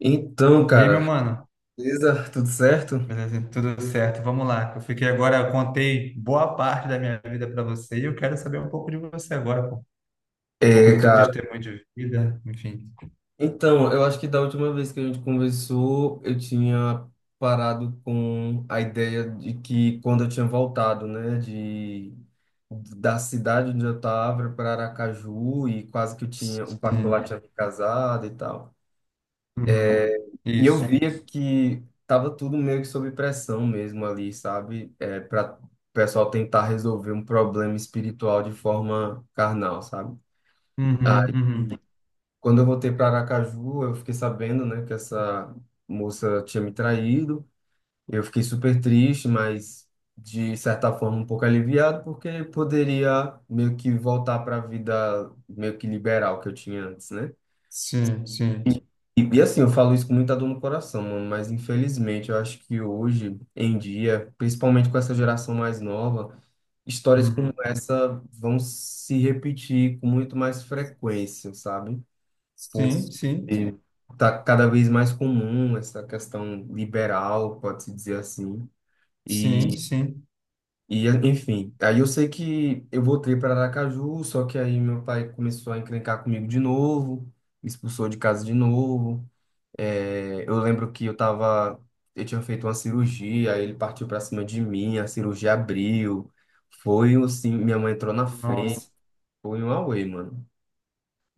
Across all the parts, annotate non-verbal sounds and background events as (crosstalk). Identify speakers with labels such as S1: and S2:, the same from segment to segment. S1: Então,
S2: E aí, meu
S1: cara,
S2: mano?
S1: beleza? Tudo certo?
S2: Beleza, tudo certo? Vamos lá. Eu contei boa parte da minha vida para você e eu quero saber um pouco de você agora, pô, um pouco
S1: É,
S2: do teu
S1: cara.
S2: testemunho de vida, enfim.
S1: Então, eu acho que da última vez que a gente conversou, eu tinha parado com a ideia de que quando eu tinha voltado, né, de da cidade onde eu estava para Aracaju e quase que eu tinha o particular
S2: Sim.
S1: tinha me casado e tal.
S2: Uhum, uhum.
S1: E eu
S2: Isso.
S1: via que tava tudo meio que sob pressão mesmo ali, sabe? É, para o pessoal tentar resolver um problema espiritual de forma carnal, sabe?
S2: Uhum, uhum.
S1: Quando eu voltei para Aracaju, eu fiquei sabendo, né, que essa moça tinha me traído. Eu fiquei super triste, mas de certa forma um pouco aliviado, porque poderia meio que voltar para a vida meio que liberal que eu tinha antes, né?
S2: Sim, sim.
S1: E, e assim, eu falo isso com muita dor no coração, mano, mas infelizmente eu acho que hoje em dia, principalmente com essa geração mais nova, histórias
S2: Uhum.
S1: como essa vão se repetir com muito mais frequência, sabe?
S2: Sim, sim.
S1: Porque tá cada vez mais comum essa questão liberal, pode-se dizer assim.
S2: Sim,
S1: E,
S2: sim.
S1: e enfim, aí eu sei que eu voltei para Aracaju, só que aí meu pai começou a encrencar comigo de novo, me expulsou de casa de novo. É, eu lembro que eu tava, eu tinha feito uma cirurgia, aí ele partiu para cima de mim, a cirurgia abriu, foi assim, minha mãe entrou na frente,
S2: Nossa,
S1: foi um auê, mano.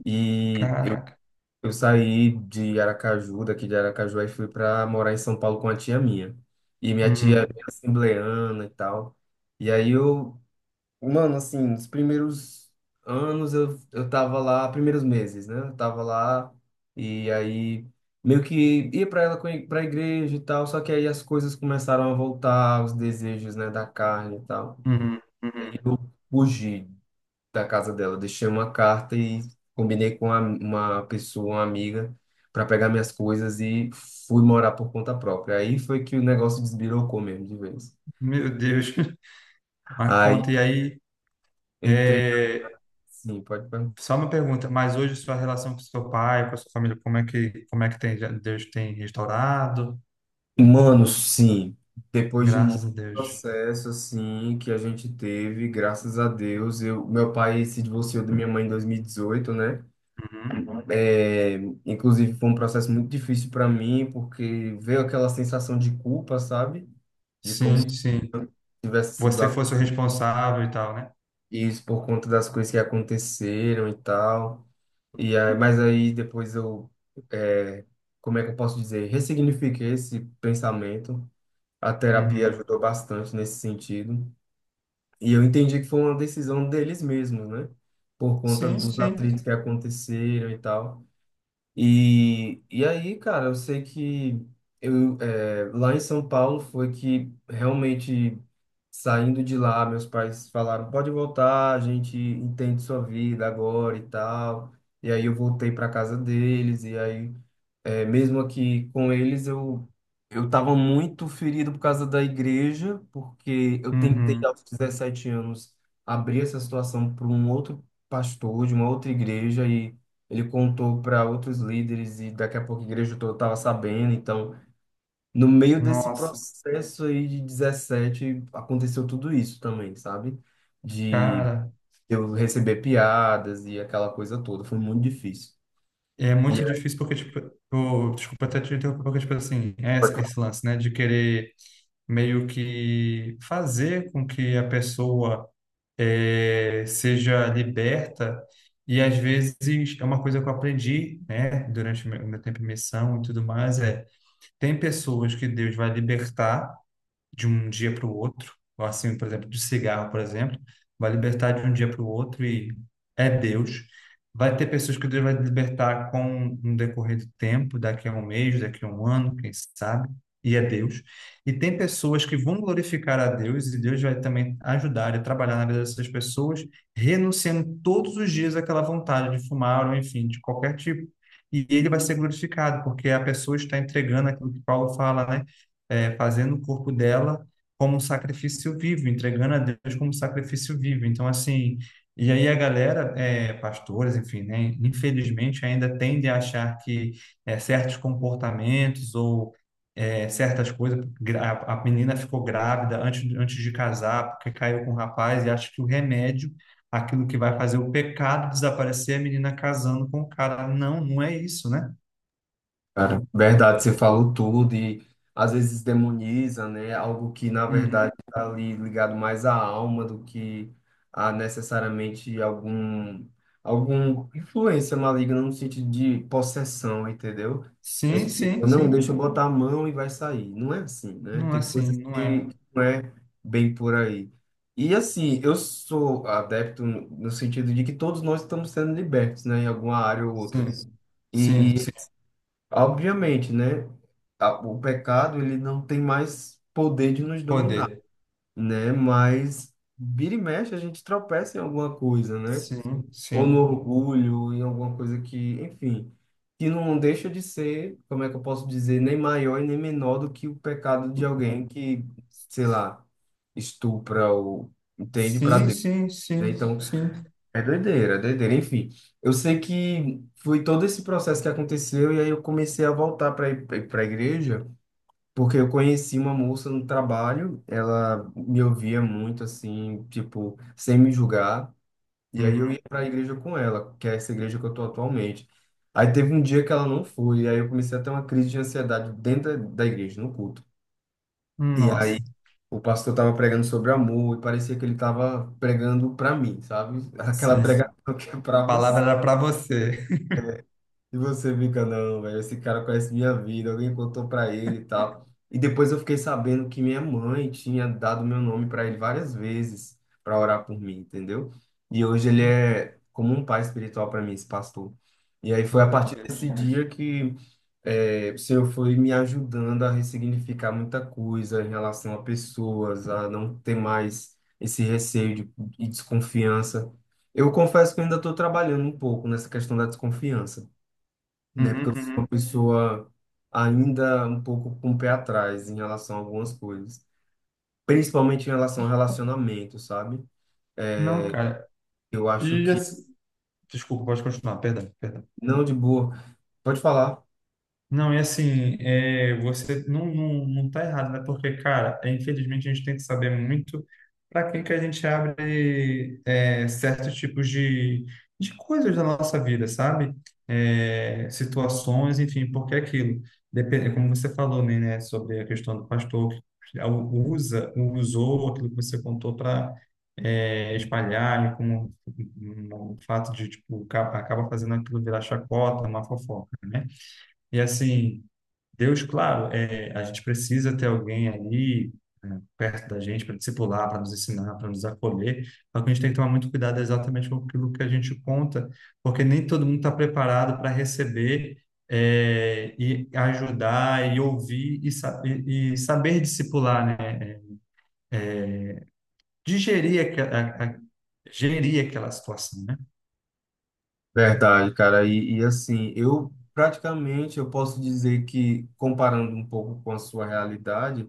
S1: E
S2: caraca.
S1: eu saí de Aracaju, daqui de Aracaju, e fui para morar em São Paulo com a tia minha. E minha tia é
S2: Uhum,
S1: bem assembleana e tal. E aí eu, mano, assim, nos primeiros anos eu tava lá, primeiros meses, né? Eu tava lá e aí meio que ia para ela para a igreja e tal, só que aí as coisas começaram a voltar, os desejos, né, da carne e tal.
S2: uhum, uhum.
S1: Aí eu fugi da casa dela. Deixei uma carta e combinei com uma pessoa, uma amiga, para pegar minhas coisas e fui morar por conta própria. Aí foi que o negócio desbirocou mesmo de vez.
S2: Meu Deus. (laughs) Mas
S1: Aí
S2: conta, e aí?
S1: entrei,
S2: é,
S1: sim, pode perguntar.
S2: Só uma pergunta, mas hoje sua relação com seu pai, com a sua família, como é que tem, Deus tem restaurado?
S1: Mano, sim, depois de muito
S2: Graças a Deus.
S1: processo assim que a gente teve, graças a Deus, eu, meu pai se divorciou da minha mãe em 2018, né?
S2: Uhum.
S1: É, inclusive foi um processo muito difícil para mim, porque veio aquela sensação de culpa, sabe? De como
S2: Sim, sim.
S1: tivesse sido
S2: Você fosse o responsável e tal, né?
S1: isso por conta das coisas que aconteceram e tal. E aí, mas aí depois eu, é, como é que eu posso dizer? Ressignifiquei esse pensamento. A terapia
S2: Uhum.
S1: ajudou bastante nesse sentido. E eu entendi que foi uma decisão deles mesmos, né? Por conta
S2: Sim,
S1: dos
S2: sim.
S1: atritos que aconteceram e tal. E aí, cara, eu sei que eu, é, lá em São Paulo foi que realmente, saindo de lá, meus pais falaram: pode voltar, a gente entende sua vida agora e tal. E aí eu voltei para casa deles, e aí é, mesmo aqui com eles, eu estava muito ferido por causa da igreja, porque eu tentei
S2: Uhum.
S1: aos 17 anos abrir essa situação para um outro pastor de uma outra igreja e ele contou para outros líderes e daqui a pouco a igreja toda estava sabendo. Então, no meio desse
S2: Nossa,
S1: processo aí de 17, aconteceu tudo isso também, sabe? De
S2: cara,
S1: eu receber piadas e aquela coisa toda, foi muito difícil.
S2: é muito difícil porque, tipo, desculpa até te interromper, porque, tipo assim, é
S1: E
S2: esse lance, né, de querer meio que fazer com que a pessoa seja liberta. E às vezes é uma coisa que eu aprendi, né, durante o meu tempo em missão e tudo mais, tem pessoas que Deus vai libertar de um dia para o outro, ou assim, por exemplo, do cigarro, por exemplo, vai libertar de um dia para o outro e é Deus. Vai ter pessoas que Deus vai libertar com um decorrer do tempo, daqui a um mês, daqui a um ano, quem sabe, e é Deus. E tem pessoas que vão glorificar a Deus e Deus vai também ajudar e trabalhar na vida dessas pessoas, renunciando todos os dias àquela vontade de fumar ou enfim, de qualquer tipo. E ele vai ser glorificado, porque a pessoa está entregando aquilo que Paulo fala, né? Fazendo o corpo dela como um sacrifício vivo, entregando a Deus como um sacrifício vivo. Então, assim, e aí a galera, pastores, enfim, né, infelizmente ainda tende a achar que certos comportamentos ou certas coisas, a menina ficou grávida antes de casar, porque caiu com o rapaz, e acha que o remédio, aquilo que vai fazer o pecado desaparecer, é a menina casando com o cara. Não, não é isso, né?
S1: cara, verdade, você falou tudo e às vezes demoniza, né? Algo que na verdade
S2: Uhum.
S1: está ali ligado mais à alma do que a necessariamente algum influência maligna no sentido de possessão, entendeu? É
S2: Sim,
S1: tipo,
S2: sim,
S1: não,
S2: sim.
S1: deixa eu botar a mão e vai sair. Não é assim, né?
S2: Não é
S1: Tem
S2: assim,
S1: coisas
S2: não
S1: que
S2: é.
S1: não é bem por aí. E assim, eu sou adepto no sentido de que todos nós estamos sendo libertos, né? Em alguma área ou outra.
S2: Sim, sim,
S1: E,
S2: sim.
S1: Obviamente, né? O pecado, ele não tem mais poder de nos
S2: Poder.
S1: dominar, né? Mas vira e mexe, a gente tropeça em alguma coisa, né?
S2: Sim,
S1: Ou no
S2: sim.
S1: orgulho, em alguma coisa que, enfim, que não deixa de ser, como é que eu posso dizer, nem maior e nem menor do que o pecado de alguém que, sei lá, estupra ou entende para
S2: Sim,
S1: Deus,
S2: sim,
S1: né?
S2: sim,
S1: Então,
S2: sim.
S1: é doideira, é doideira. Enfim, eu sei que foi todo esse processo que aconteceu e aí eu comecei a voltar para para a igreja, porque eu conheci uma moça no trabalho, ela me ouvia muito assim, tipo, sem me julgar, e aí eu
S2: Uhum.
S1: ia para a igreja com ela, que é essa igreja que eu tô atualmente. Aí teve um dia que ela não foi, e aí eu comecei a ter uma crise de ansiedade dentro da igreja, no culto. E aí
S2: Nossa,
S1: o pastor estava pregando sobre amor e parecia que ele estava pregando para mim, sabe? (laughs) Aquela
S2: sim.
S1: pregação que é
S2: A
S1: para
S2: palavra
S1: você.
S2: era para você.
S1: E você fica, não, velho, esse cara conhece minha vida, alguém contou pra ele e tal. E depois eu fiquei sabendo que minha mãe tinha dado meu nome pra ele várias vezes pra orar por mim, entendeu? E hoje ele é como um pai espiritual pra mim, esse pastor. E aí foi a
S2: Glória a
S1: partir desse
S2: Deus.
S1: dia que o Senhor foi me ajudando a ressignificar muita coisa em relação a pessoas, a não ter mais esse receio de, e desconfiança. Eu confesso que eu ainda estou trabalhando um pouco nessa questão da desconfiança, né? Porque
S2: Uhum,
S1: eu sou
S2: uhum.
S1: uma pessoa ainda um pouco com o pé atrás em relação a algumas coisas, principalmente em relação ao relacionamento, sabe?
S2: Não, cara.
S1: Eu acho
S2: E
S1: que
S2: assim... Desculpa, pode continuar, perdão, perdão.
S1: não, de boa. Pode falar.
S2: Não, e assim, é, você não tá errado, né? Porque, cara, infelizmente a gente tem que saber muito para quem que a gente abre certos tipos de coisas da nossa vida, sabe? Situações, enfim, porque é aquilo. Depende, como você falou, né, sobre a questão do pastor que usou aquilo que você contou para espalhar, e como um fato de, tipo, acaba fazendo aquilo virar chacota, uma fofoca, né? E assim. Deus, claro, a gente precisa ter alguém ali é, perto da gente para discipular, para nos ensinar, para nos acolher. Só que a gente tem que tomar muito cuidado exatamente com aquilo que a gente conta, porque nem todo mundo está preparado para receber e ajudar e ouvir e saber discipular, né? Digerir aque- a- Gerir aquela situação, né?
S1: Verdade, cara. E assim, eu praticamente eu posso dizer que comparando um pouco com a sua realidade,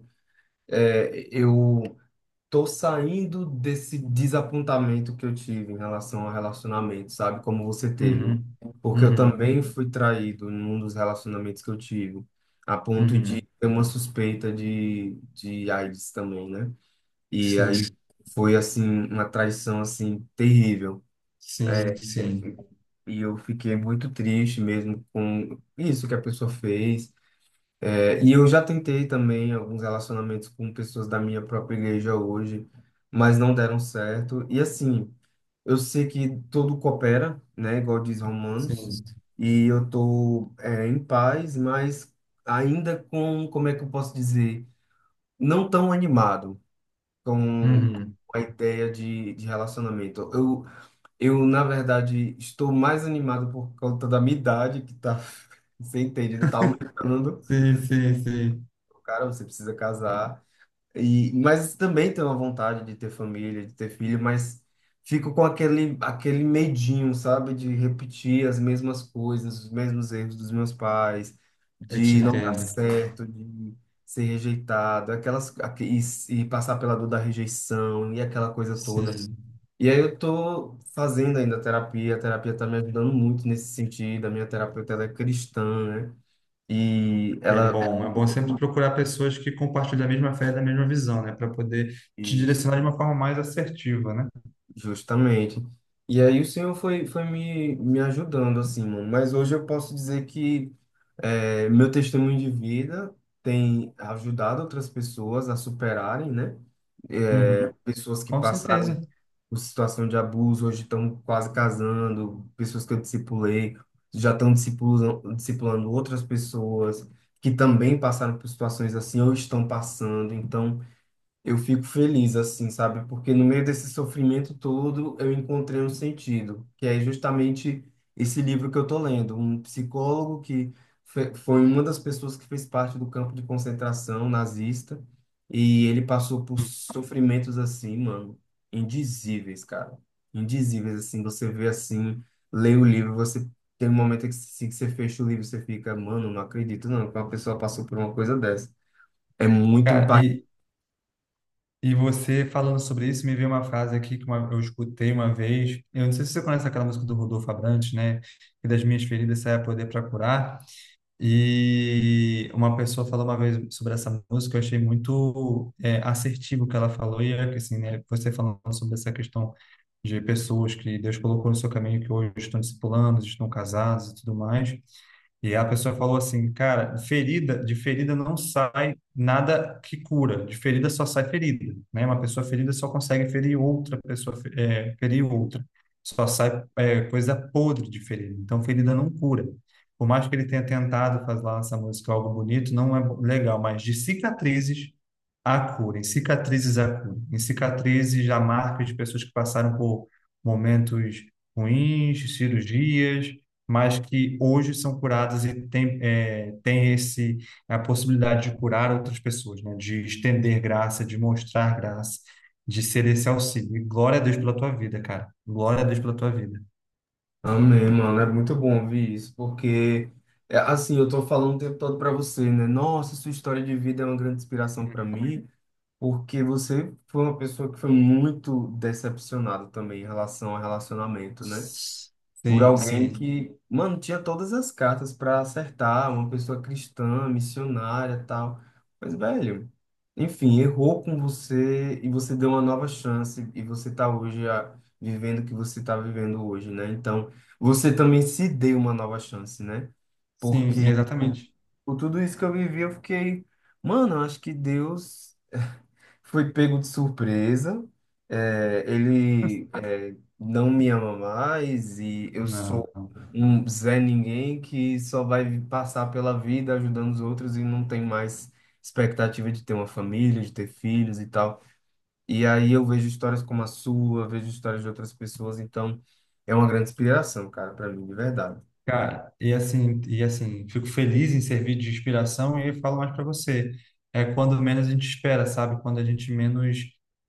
S1: é, eu tô saindo desse desapontamento que eu tive em relação ao relacionamento, sabe? Como você teve.
S2: Uhum,
S1: Porque eu
S2: uhum,
S1: também fui traído num dos relacionamentos que eu tive, a ponto de
S2: uhum.
S1: ter uma suspeita de AIDS também, né? E aí
S2: Sim,
S1: foi, assim, uma traição, assim, terrível.
S2: sim, sim,
S1: E eu fiquei muito triste mesmo com isso que a pessoa fez. É, e eu já tentei também alguns relacionamentos com pessoas da minha própria igreja hoje, mas não deram certo. E assim, eu sei que tudo coopera, né? Igual diz Romanos,
S2: sim.
S1: e eu tô, é, em paz, mas ainda com, como é que eu posso dizer, não tão animado com
S2: Uhum.
S1: a ideia de relacionamento. Eu na verdade, estou mais animado por conta da minha idade, que tá, (laughs) você entende, né, tá aumentando.
S2: Sim, sim, sim.
S1: Cara, você precisa casar. E, mas também tenho a vontade de ter família, de ter filho, mas fico com aquele, aquele medinho, sabe? De repetir as mesmas coisas, os mesmos erros dos meus pais,
S2: Eu te
S1: de não dar
S2: entendo.
S1: certo, de ser rejeitado, aquelas, e passar pela dor da rejeição e aquela coisa toda.
S2: Sim.
S1: E aí eu tô fazendo ainda terapia, a terapia tá me ajudando muito nesse sentido, a minha terapeuta ela é cristã, né? E
S2: É
S1: ela...
S2: bom. É bom sempre procurar pessoas que compartilham a mesma fé e da mesma visão, né? Para poder te direcionar de
S1: Isso.
S2: uma forma mais assertiva, né?
S1: Justamente. E aí o Senhor foi, foi me, me ajudando, assim, mano. Mas hoje eu posso dizer que meu testemunho de vida tem ajudado outras pessoas a superarem, né?
S2: Uhum.
S1: Pessoas que
S2: Com
S1: passaram
S2: certeza.
S1: por situação de abuso, hoje estão quase casando, pessoas que eu discipulei, já estão discipulando, discipulando outras pessoas que também passaram por situações assim ou estão passando. Então, eu fico feliz assim, sabe? Porque no meio desse sofrimento todo eu encontrei um sentido, que é justamente esse livro que eu tô lendo, um psicólogo que foi uma das pessoas que fez parte do campo de concentração nazista e ele passou por sofrimentos assim, mano, indizíveis, cara. Indizíveis assim, você vê assim, lê o livro, você tem um momento que assim, que você fecha o livro, você fica, mano, não acredito não que uma pessoa passou por uma coisa dessa. É muito...
S2: Cara, e você falando sobre isso, me veio uma frase aqui que eu escutei uma vez. Eu não sei se você conhece aquela música do Rodolfo Abrantes, né? Que das minhas feridas sai a poder para curar. E uma pessoa falou uma vez sobre essa música, eu achei muito assertivo o que ela falou, e é que assim, né, você falando sobre essa questão de pessoas que Deus colocou no seu caminho, que hoje estão discipulando, estão casados e tudo mais, e a pessoa falou assim, cara, ferida, de ferida não sai nada que cura, de ferida só sai ferida, né? Uma pessoa ferida só consegue ferir outra pessoa, ferir outra, só sai coisa podre de ferida. Então, ferida não cura. Por mais que ele tenha tentado fazer lá essa música algo bonito, não é legal. Mas de cicatrizes a cura, em cicatrizes a cura, em cicatrizes a marca de pessoas que passaram por momentos ruins, cirurgias, mas que hoje são curadas e tem, tem esse, a possibilidade de curar outras pessoas, né? De estender graça, de mostrar graça, de ser esse auxílio. E glória a Deus pela tua vida, cara. Glória a Deus pela tua vida.
S1: Amém, mano. É muito bom ouvir isso, porque, é, assim, eu tô falando o tempo todo pra você, né? Nossa, sua história de vida é uma grande inspiração pra mim, porque você foi uma pessoa que foi muito decepcionada também em relação ao relacionamento, né? Por
S2: Sim,
S1: alguém
S2: sim,
S1: que, mano, tinha todas as cartas para acertar, uma pessoa cristã, missionária, tal. Mas, velho, enfim, errou com você e você deu uma nova chance e você tá hoje ah, vivendo o que você tá vivendo hoje, né? Então, você também se deu uma nova chance, né?
S2: sim,
S1: Porque com
S2: exatamente.
S1: com tudo isso que eu vivi, eu fiquei, mano, eu acho que Deus foi pego de surpresa. É, ele não me ama mais e eu sou
S2: Não.
S1: um Zé Ninguém que só vai passar pela vida ajudando os outros e não tem mais expectativa de ter uma família, de ter filhos e tal. E aí eu vejo histórias como a sua, vejo histórias de outras pessoas, então é uma grande inspiração, cara, para mim, de verdade.
S2: Cara, fico feliz em servir de inspiração e falo mais para você. É quando menos a gente espera, sabe? Quando a gente menos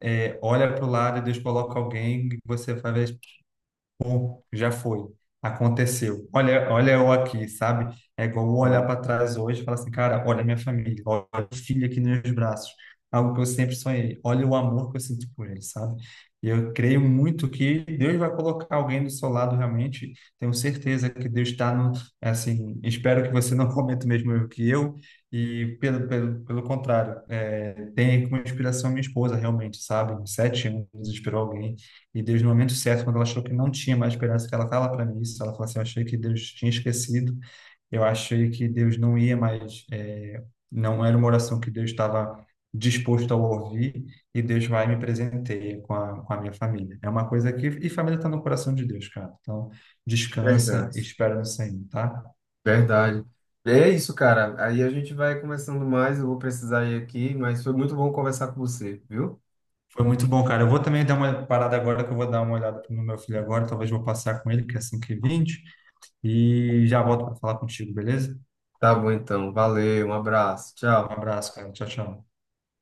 S2: olha para o lado e Deus coloca alguém, você vai ver. Pô, já foi, aconteceu. Olha, olha eu aqui, sabe? É igual eu olhar
S1: Não.
S2: para trás hoje e falar assim, cara, olha a minha família, olha o filho aqui nos meus braços, algo que eu sempre sonhei. Olha o amor que eu sinto por ele, sabe? E eu creio muito que Deus vai colocar alguém do seu lado realmente. Tenho certeza que Deus está no, é assim, espero que você (laughs) não cometa o mesmo erro que eu. E pelo contrário, tem como inspiração minha esposa, realmente, sabe? Em 7 anos inspirou alguém e Deus, no momento certo, quando ela achou que não tinha mais esperança, que ela estava para mim isso, ela falou assim: eu achei que Deus tinha esquecido, eu achei que Deus não ia mais, não era uma oração que Deus estava disposto a ouvir, e Deus vai e me presenteia com a minha família. É uma coisa que. E família está no coração de Deus, cara. Então, descansa e
S1: Verdade,
S2: espera no Senhor, tá?
S1: verdade. É isso, cara. Aí a gente vai conversando mais. Eu vou precisar ir aqui, mas foi muito bom conversar com você, viu?
S2: Foi muito bom, cara. Eu vou também dar uma parada agora, que eu vou dar uma olhada no meu filho agora, talvez vou passar com ele, que é 5:20 e já volto para falar contigo, beleza?
S1: Tá bom, então. Valeu, um abraço.
S2: Um
S1: Tchau.
S2: abraço, cara. Tchau, tchau.